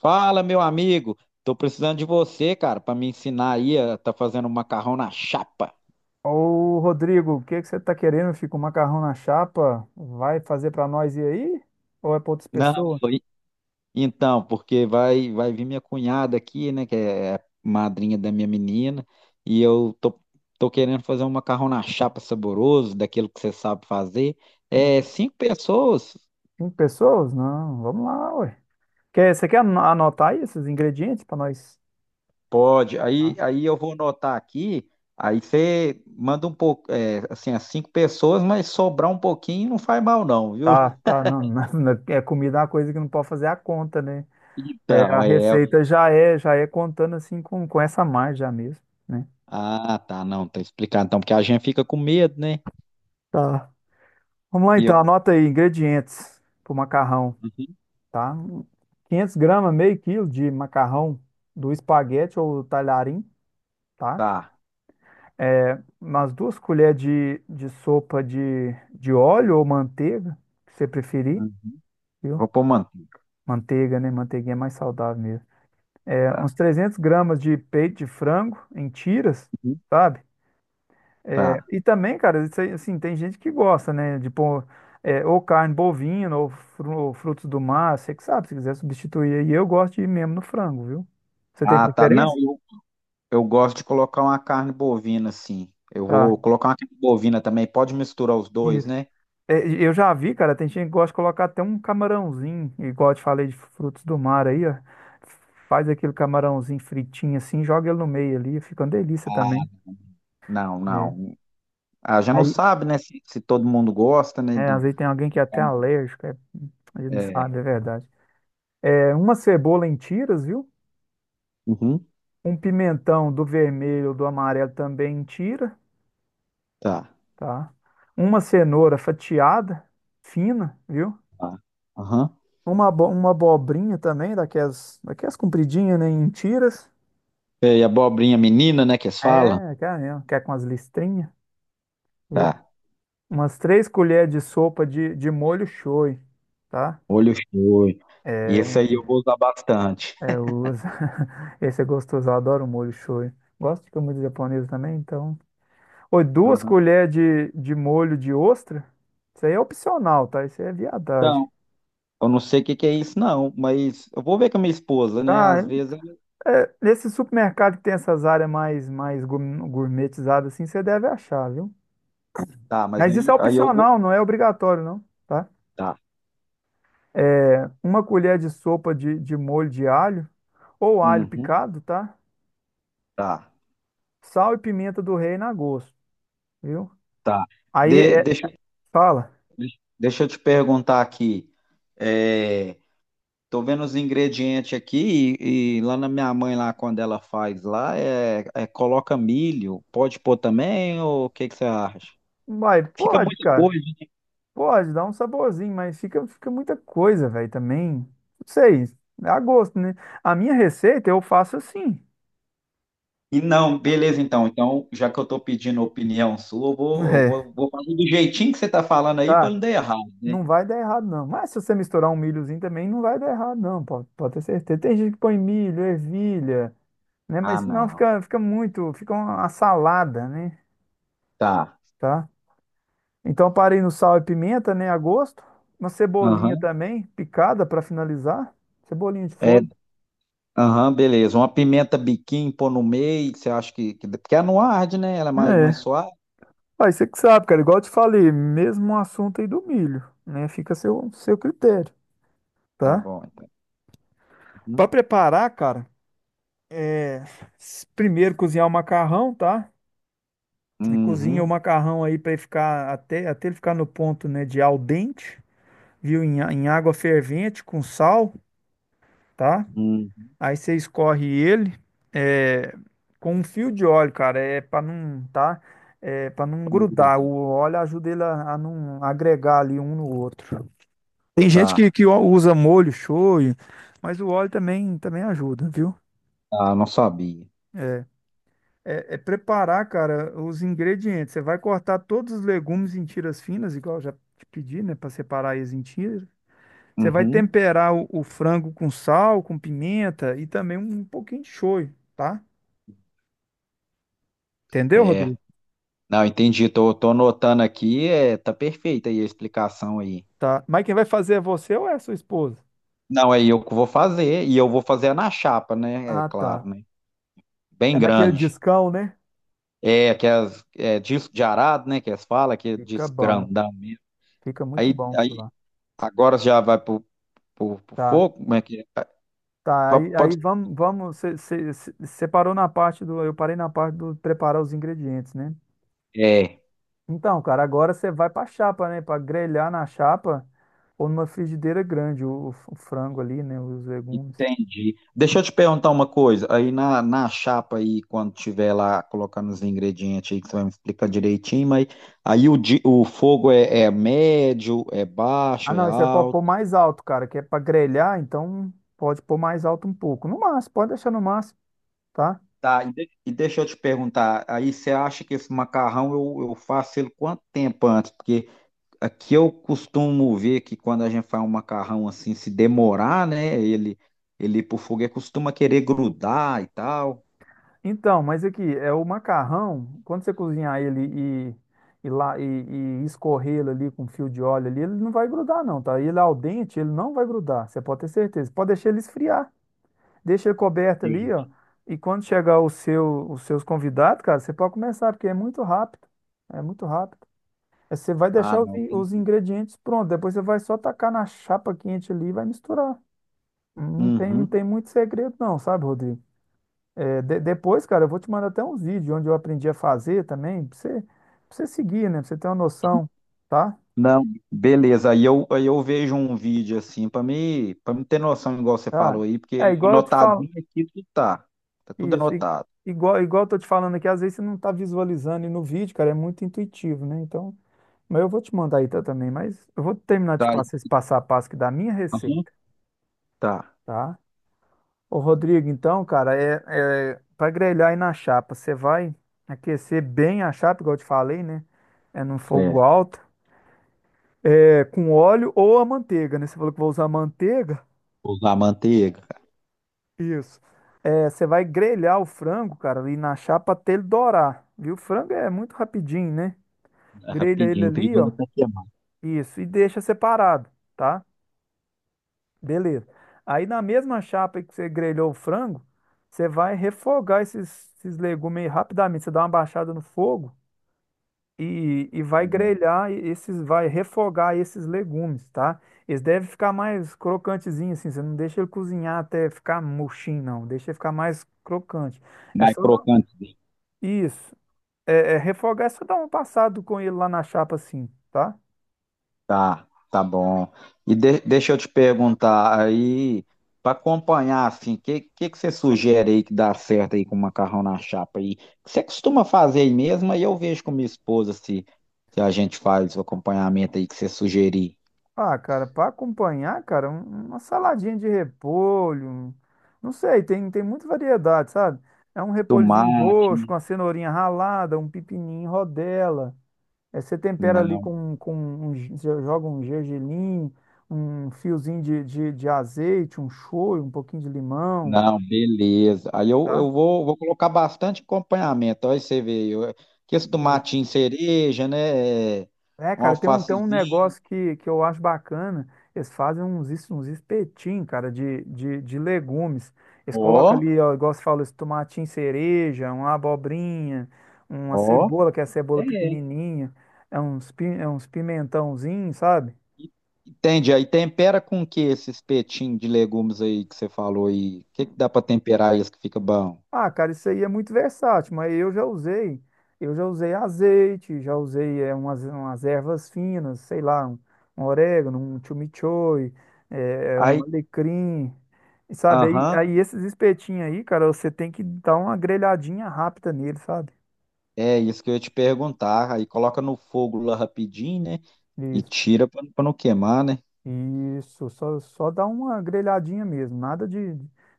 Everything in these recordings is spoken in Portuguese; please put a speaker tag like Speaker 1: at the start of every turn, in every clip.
Speaker 1: Fala, meu amigo. Tô precisando de você, cara, para me ensinar aí a tá fazendo um macarrão na chapa.
Speaker 2: Ô, Rodrigo, o que que você tá querendo? Fica um macarrão na chapa? Vai fazer pra nós ir aí? Ou é pra outras
Speaker 1: Não,
Speaker 2: pessoas?
Speaker 1: sou i- então, porque vai vir minha cunhada aqui, né, que é madrinha da minha menina, e eu tô querendo fazer um macarrão na chapa saboroso, daquilo que você sabe fazer.
Speaker 2: Hum,
Speaker 1: É, cinco pessoas.
Speaker 2: Cinco pessoas? Não, vamos lá, ué. Você quer anotar aí esses ingredientes pra nós?
Speaker 1: Pode. Aí
Speaker 2: Tá,
Speaker 1: aí eu vou anotar aqui. Aí você manda um pouco, é, assim, as cinco pessoas, mas sobrar um pouquinho não faz mal não, viu?
Speaker 2: tá, tá, não, não, não, é comida é uma coisa que não pode fazer a conta, né? É, a
Speaker 1: Então, é.
Speaker 2: receita já é contando assim com essa margem já mesmo, né?
Speaker 1: Ah, tá, não, tá explicado. Então, porque a gente fica com medo, né?
Speaker 2: Tá. Vamos lá
Speaker 1: E eu.
Speaker 2: então, anota aí ingredientes pro macarrão.
Speaker 1: Uhum.
Speaker 2: Tá? 500 gramas, meio quilo de macarrão do espaguete ou talharim, tá?
Speaker 1: Tá.
Speaker 2: É, umas 2 colheres de sopa de óleo ou manteiga, que você preferir,
Speaker 1: Uhum.
Speaker 2: viu?
Speaker 1: Vou pôr manteiga.
Speaker 2: Manteiga, né? Manteiguinha é mais saudável mesmo. É,
Speaker 1: Tá.
Speaker 2: uns 300 gramas de peito de frango em tiras,
Speaker 1: Uhum.
Speaker 2: sabe?
Speaker 1: Tá.
Speaker 2: E também, cara, isso aí, assim, tem gente que gosta, né? De pôr ou carne bovina ou frutos do mar, você que sabe, se quiser substituir aí, eu gosto de ir mesmo no frango, viu? Você tem
Speaker 1: Ah, tá. Não,
Speaker 2: preferência?
Speaker 1: eu gosto de colocar uma carne bovina, sim. Eu
Speaker 2: Tá,
Speaker 1: vou colocar uma carne bovina também. Pode misturar os dois,
Speaker 2: isso.
Speaker 1: né?
Speaker 2: É, e eu já vi, cara, tem gente que gosta de colocar até um camarãozinho, igual eu te falei de frutos do mar aí, ó. Faz aquele camarãozinho fritinho assim, joga ele no meio ali, fica uma delícia
Speaker 1: Ah,
Speaker 2: também.
Speaker 1: não,
Speaker 2: Né?
Speaker 1: não. Ah, já não
Speaker 2: Aí,
Speaker 1: sabe, né? Se todo mundo gosta, né?
Speaker 2: às
Speaker 1: Do...
Speaker 2: vezes tem alguém que é até alérgico, ele não
Speaker 1: É.
Speaker 2: sabe, é verdade. É uma cebola em tiras, viu?
Speaker 1: Uhum.
Speaker 2: Um pimentão do vermelho, do amarelo também em tira,
Speaker 1: Tá.
Speaker 2: tá? Uma cenoura fatiada, fina, viu?
Speaker 1: Tá. Aham.
Speaker 2: Uma abobrinha também, daquelas compridinhas, né? Em tiras.
Speaker 1: E abobrinha menina, né? Que eles falam?
Speaker 2: É, aquela mesmo, que é com as listrinhas, viu?
Speaker 1: Tá.
Speaker 2: Umas 3 colheres de sopa de molho shoyu, tá?
Speaker 1: Olho cheio. Esse aí eu vou usar bastante.
Speaker 2: É, eu uso. Esse é gostoso, eu adoro molho shoyu. Gosto de comida japonesa também, então. Oi, 2
Speaker 1: Aham.
Speaker 2: colheres de molho de ostra. Isso aí é opcional, tá? Isso aí é viadagem.
Speaker 1: Eu não sei o que que é isso, não, mas eu vou ver com a minha esposa, né?
Speaker 2: Ah,
Speaker 1: Às vezes ela
Speaker 2: nesse supermercado que tem essas áreas mais gourmetizadas assim, você deve achar, viu?
Speaker 1: tá, mas
Speaker 2: Mas isso
Speaker 1: aí,
Speaker 2: é
Speaker 1: aí eu vou.
Speaker 2: opcional, não é obrigatório, não, tá?
Speaker 1: Tá.
Speaker 2: É, uma colher de sopa de molho de alho, ou alho
Speaker 1: Uhum,
Speaker 2: picado, tá?
Speaker 1: tá,
Speaker 2: Sal e pimenta do reino a gosto, viu?
Speaker 1: tá.
Speaker 2: Aí
Speaker 1: Deixa,
Speaker 2: fala,
Speaker 1: deixa eu te perguntar aqui. É, tô vendo os ingredientes aqui e lá na minha mãe, lá quando ela faz lá, é, é coloca milho. Pode pôr também, ou o que que você acha?
Speaker 2: vai,
Speaker 1: Fica
Speaker 2: pode,
Speaker 1: muita
Speaker 2: cara,
Speaker 1: coisa.
Speaker 2: pode, dá um saborzinho, mas fica muita coisa, velho, também. Não sei, é a gosto, né? A minha receita eu faço assim,
Speaker 1: E não, beleza, então. Então, já que eu tô pedindo a opinião sua, eu vou, eu
Speaker 2: é,
Speaker 1: vou, vou fazer do jeitinho que você tá falando aí para
Speaker 2: tá?
Speaker 1: não dar errado, né?
Speaker 2: Não vai dar errado, não. Mas se você misturar um milhozinho também, não vai dar errado, não, pode, ter certeza. Tem gente que põe milho, ervilha. Né?
Speaker 1: Ah,
Speaker 2: Mas não,
Speaker 1: não.
Speaker 2: fica muito, fica uma salada, né?
Speaker 1: Tá.
Speaker 2: Tá? Então eu parei no sal e pimenta, né? A gosto. Uma cebolinha
Speaker 1: Aham.
Speaker 2: também, picada para finalizar. Cebolinha de
Speaker 1: É,
Speaker 2: folha.
Speaker 1: aham, beleza. Uma pimenta biquinho, pôr no meio, que você acha que, que. Porque ela não arde, né? Ela é mais, mais
Speaker 2: É.
Speaker 1: suave.
Speaker 2: Aí você que sabe, cara. Igual eu te falei, mesmo assunto aí do milho, né? Fica a seu critério,
Speaker 1: Tá
Speaker 2: tá?
Speaker 1: bom, então. Uhum.
Speaker 2: Para preparar, cara, é... primeiro cozinhar o macarrão, tá? Cozinha o
Speaker 1: Uhum.
Speaker 2: macarrão aí para ele ficar até ele ficar no ponto, né, de al dente, viu? Em água fervente com sal, tá?
Speaker 1: Uhum.
Speaker 2: Aí você escorre ele é, com um fio de óleo, cara, é para não, tá? É para não
Speaker 1: Pra não
Speaker 2: grudar.
Speaker 1: grudar.
Speaker 2: O óleo ajuda ele a não agregar ali um no outro. Tem gente que,
Speaker 1: Tá.
Speaker 2: que usa molho shoyu, mas o óleo também ajuda, viu?
Speaker 1: Ah, não sabia.
Speaker 2: É, é, preparar, cara, os ingredientes. Você vai cortar todos os legumes em tiras finas, igual eu já te pedi, né, para separar eles em tiras. Você vai
Speaker 1: Uhum.
Speaker 2: temperar o frango com sal, com pimenta e também um pouquinho de shoyu, tá? Entendeu,
Speaker 1: Certo.
Speaker 2: Rodrigo?
Speaker 1: Não, entendi. Tô anotando aqui. É, tá perfeita aí a explicação aí.
Speaker 2: Tá. Mas quem vai fazer é você ou é a sua esposa?
Speaker 1: Não, aí eu que vou fazer. E eu vou fazer na chapa, né? É
Speaker 2: Ah, tá.
Speaker 1: claro, né? Bem
Speaker 2: É naquele
Speaker 1: grande.
Speaker 2: discão, né?
Speaker 1: É, que as, é disco de arado, né? Que eles falam, que é
Speaker 2: Fica
Speaker 1: disco
Speaker 2: bom.
Speaker 1: grandão mesmo.
Speaker 2: Fica muito
Speaker 1: Aí,
Speaker 2: bom aquilo
Speaker 1: aí
Speaker 2: lá.
Speaker 1: agora já vai pro, pro
Speaker 2: Tá.
Speaker 1: fogo? Como é que é?
Speaker 2: Tá. Aí
Speaker 1: Pode,
Speaker 2: vamos, vamos. Você parou na parte do. Eu parei na parte do preparar os ingredientes, né?
Speaker 1: é,
Speaker 2: Então, cara, agora você vai pra chapa, né? Pra grelhar na chapa ou numa frigideira grande o frango ali, né? Os legumes.
Speaker 1: entendi. Deixa eu te perguntar uma coisa. Aí na, na chapa aí, quando tiver lá colocando os ingredientes aí, que você vai me explicar direitinho, mas aí o, o fogo é, é médio, é
Speaker 2: Ah,
Speaker 1: baixo, é
Speaker 2: não. Isso é pra
Speaker 1: alto.
Speaker 2: pôr mais alto, cara. Que é pra grelhar, então pode pôr mais alto um pouco. No máximo, pode deixar no máximo, tá?
Speaker 1: Tá, e, e deixa eu te perguntar, aí você acha que esse macarrão eu faço ele quanto tempo antes? Porque aqui eu costumo ver que quando a gente faz um macarrão assim, se demorar, né? Ele pro foguete costuma querer grudar e tal.
Speaker 2: Então, mas aqui, é o macarrão, quando você cozinhar ele e, lá, e escorrer ele ali com fio de óleo ali, ele não vai grudar não, tá? Ele ao dente, ele não vai grudar, você pode ter certeza. Pode deixar ele esfriar, deixa ele coberto ali,
Speaker 1: Sim.
Speaker 2: ó, e quando chegar os seus convidados, cara, você pode começar, porque é muito rápido, é muito rápido. É, você vai
Speaker 1: Ah,
Speaker 2: deixar os,
Speaker 1: não.
Speaker 2: in-
Speaker 1: tem-
Speaker 2: os ingredientes prontos, depois você vai só tacar na chapa quente ali e vai misturar. Não tem, não
Speaker 1: Uhum.
Speaker 2: tem muito segredo não, sabe, Rodrigo? É, depois, cara, eu vou te mandar até uns vídeos onde eu aprendi a fazer também, pra você seguir, né? Pra você ter uma noção, tá?
Speaker 1: Não, beleza. Aí eu vejo um vídeo assim para me ter noção, igual você falou
Speaker 2: Tá.
Speaker 1: aí,
Speaker 2: É
Speaker 1: porque
Speaker 2: igual eu te falo,
Speaker 1: anotadinho aqui tudo tá. Tá tudo
Speaker 2: isso, i-
Speaker 1: anotado.
Speaker 2: igual, igual eu tô te falando aqui, às vezes você não tá visualizando e no vídeo, cara, é muito intuitivo, né? Então, mas eu vou te mandar aí tá, também, mas eu vou terminar de
Speaker 1: Tá aí.
Speaker 2: passar esse passo a passo aqui da minha
Speaker 1: Uhum.
Speaker 2: receita,
Speaker 1: Tá.
Speaker 2: tá? Ô, Rodrigo, então, cara, é para grelhar aí na chapa, você vai aquecer bem a chapa, igual eu te falei, né? É num fogo
Speaker 1: É.
Speaker 2: alto. É, com óleo ou a manteiga, né? Você falou que vai usar manteiga?
Speaker 1: Usar manteiga.
Speaker 2: Isso. É, você vai grelhar o frango, cara, ali na chapa até ele dourar, viu? O frango é muito rapidinho, né? Grelha ele
Speaker 1: Rapidinho,
Speaker 2: ali,
Speaker 1: perigoso
Speaker 2: ó.
Speaker 1: até queimar.
Speaker 2: Isso. E deixa separado, tá? Beleza. Aí na mesma chapa aí que você grelhou o frango, você vai refogar esses legumes aí rapidamente. Você dá uma baixada no fogo e
Speaker 1: É.
Speaker 2: vai refogar esses legumes, tá? Eles devem ficar mais crocantezinhos assim, você não deixa ele cozinhar até ficar murchinho, não, deixa ele ficar mais crocante. É
Speaker 1: Mais
Speaker 2: só dar... um,
Speaker 1: crocante.
Speaker 2: Isso, é refogar, é só dar um passado com ele lá na chapa assim, tá?
Speaker 1: Tá, tá bom. E deixa eu te perguntar aí, para acompanhar assim, o que, que você sugere aí que dá certo aí com macarrão na chapa aí? Você costuma fazer aí mesmo? Aí eu vejo com minha esposa se a gente faz o acompanhamento aí que você sugerir.
Speaker 2: Ah, cara, para acompanhar, cara, uma saladinha de repolho, não sei, tem muita variedade, sabe? É um repolhozinho
Speaker 1: Tomate,
Speaker 2: roxo
Speaker 1: né?
Speaker 2: com a cenourinha ralada, um pepininho em rodela. É, você tempera ali
Speaker 1: Não,
Speaker 2: com você joga um gergelim, um fiozinho de azeite, um shoyu, um pouquinho de limão,
Speaker 1: não, beleza. Aí eu,
Speaker 2: tá?
Speaker 1: eu vou, vou colocar bastante acompanhamento. Aí você vê, eu, que esse
Speaker 2: Isso.
Speaker 1: tomatinho cereja, né? É,
Speaker 2: É,
Speaker 1: um
Speaker 2: cara, tem um
Speaker 1: alfacezinho.
Speaker 2: negócio que eu acho bacana. Eles fazem uns espetinhos, cara, de legumes. Eles
Speaker 1: Ó,
Speaker 2: colocam ali, ó, igual você falou, esse tomatinho cereja, uma abobrinha, uma
Speaker 1: ó.
Speaker 2: cebola, que é a
Speaker 1: É.
Speaker 2: cebola pequenininha, é uns pimentãozinhos, sabe?
Speaker 1: Entende? Aí tempera com o que esse espetinho de legumes aí que você falou aí? O que que dá pra temperar isso que fica bom?
Speaker 2: Ah, cara, isso aí é muito versátil, mas eu já usei azeite, já usei umas ervas finas, sei lá, um orégano, um chimichurri, um
Speaker 1: Aí,
Speaker 2: alecrim, e sabe? Aí,
Speaker 1: aham,
Speaker 2: aí esses espetinhos aí, cara, você tem que dar uma grelhadinha rápida nele, sabe?
Speaker 1: é isso que eu ia te perguntar. Aí coloca no fogo lá rapidinho, né? E
Speaker 2: Isso,
Speaker 1: tira pra pra não queimar, né?
Speaker 2: isso, só dá uma grelhadinha mesmo, nada de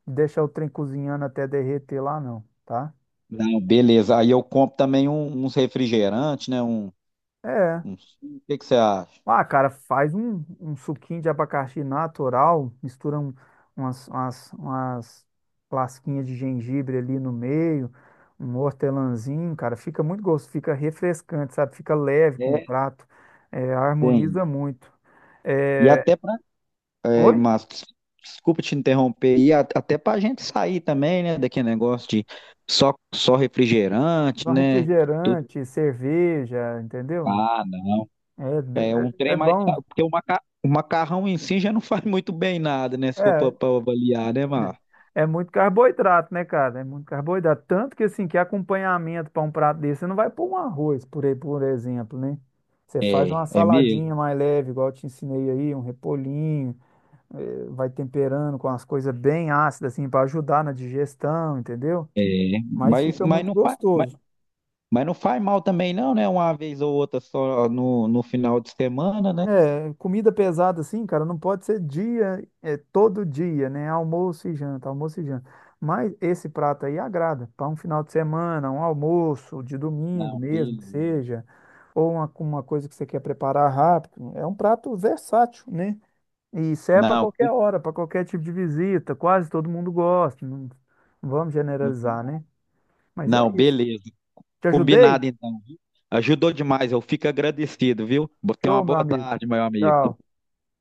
Speaker 2: de deixar o trem cozinhando até derreter lá, não, tá?
Speaker 1: Não, beleza. Aí eu compro também um- uns refrigerantes, né? Um,
Speaker 2: É.
Speaker 1: um... O que que você acha?
Speaker 2: Ah, cara, faz um suquinho de abacaxi natural, mistura umas lasquinhas de gengibre ali no meio, um hortelãzinho, cara, fica muito gostoso, fica refrescante, sabe? Fica leve com o
Speaker 1: É,
Speaker 2: prato,
Speaker 1: tem.
Speaker 2: harmoniza muito.
Speaker 1: E
Speaker 2: É,
Speaker 1: até pra. É,
Speaker 2: oi?
Speaker 1: mas desculpa te interromper. E até pra gente sair também, né? Daquele negócio de só refrigerante,
Speaker 2: Só
Speaker 1: né?
Speaker 2: refrigerante, cerveja, entendeu?
Speaker 1: Ah, não. É um
Speaker 2: É, é
Speaker 1: trem mais.
Speaker 2: bom.
Speaker 1: Porque o, maca... o macarrão em si já não faz muito bem nada, né? Se for para
Speaker 2: É,
Speaker 1: avaliar, né, Mar?
Speaker 2: é muito carboidrato, né, cara? É muito carboidrato. Tanto que, assim, que acompanhamento para um prato desse, você não vai pôr um arroz, por aí, por exemplo, né? Você faz uma
Speaker 1: É, é mesmo.
Speaker 2: saladinha mais leve, igual eu te ensinei aí, um repolhinho, vai temperando com as coisas bem ácidas, assim, para ajudar na digestão, entendeu?
Speaker 1: É.
Speaker 2: Mas
Speaker 1: Mas,
Speaker 2: fica
Speaker 1: mas,
Speaker 2: muito
Speaker 1: não faz, mas,
Speaker 2: gostoso.
Speaker 1: mas não faz mal também, não, né? Uma vez ou outra só no, no final de semana, né?
Speaker 2: É, comida pesada assim, cara, não pode ser dia, todo dia, né? Almoço e janta, almoço e janta. Mas esse prato aí agrada para um final de semana, um almoço de domingo
Speaker 1: Não,
Speaker 2: mesmo, que
Speaker 1: beleza.
Speaker 2: seja, ou uma coisa que você quer preparar rápido. É um prato versátil, né? E serve para
Speaker 1: Não, com-
Speaker 2: qualquer hora, para qualquer tipo de visita. Quase todo mundo gosta. Não, não vamos
Speaker 1: uhum.
Speaker 2: generalizar, né? Mas é
Speaker 1: Não,
Speaker 2: isso.
Speaker 1: beleza.
Speaker 2: Te ajudei?
Speaker 1: Combinado então, viu? Ajudou demais, eu fico agradecido, viu? Tenha uma
Speaker 2: Show, meu
Speaker 1: boa
Speaker 2: amigo.
Speaker 1: tarde, meu amigo.
Speaker 2: Tchau.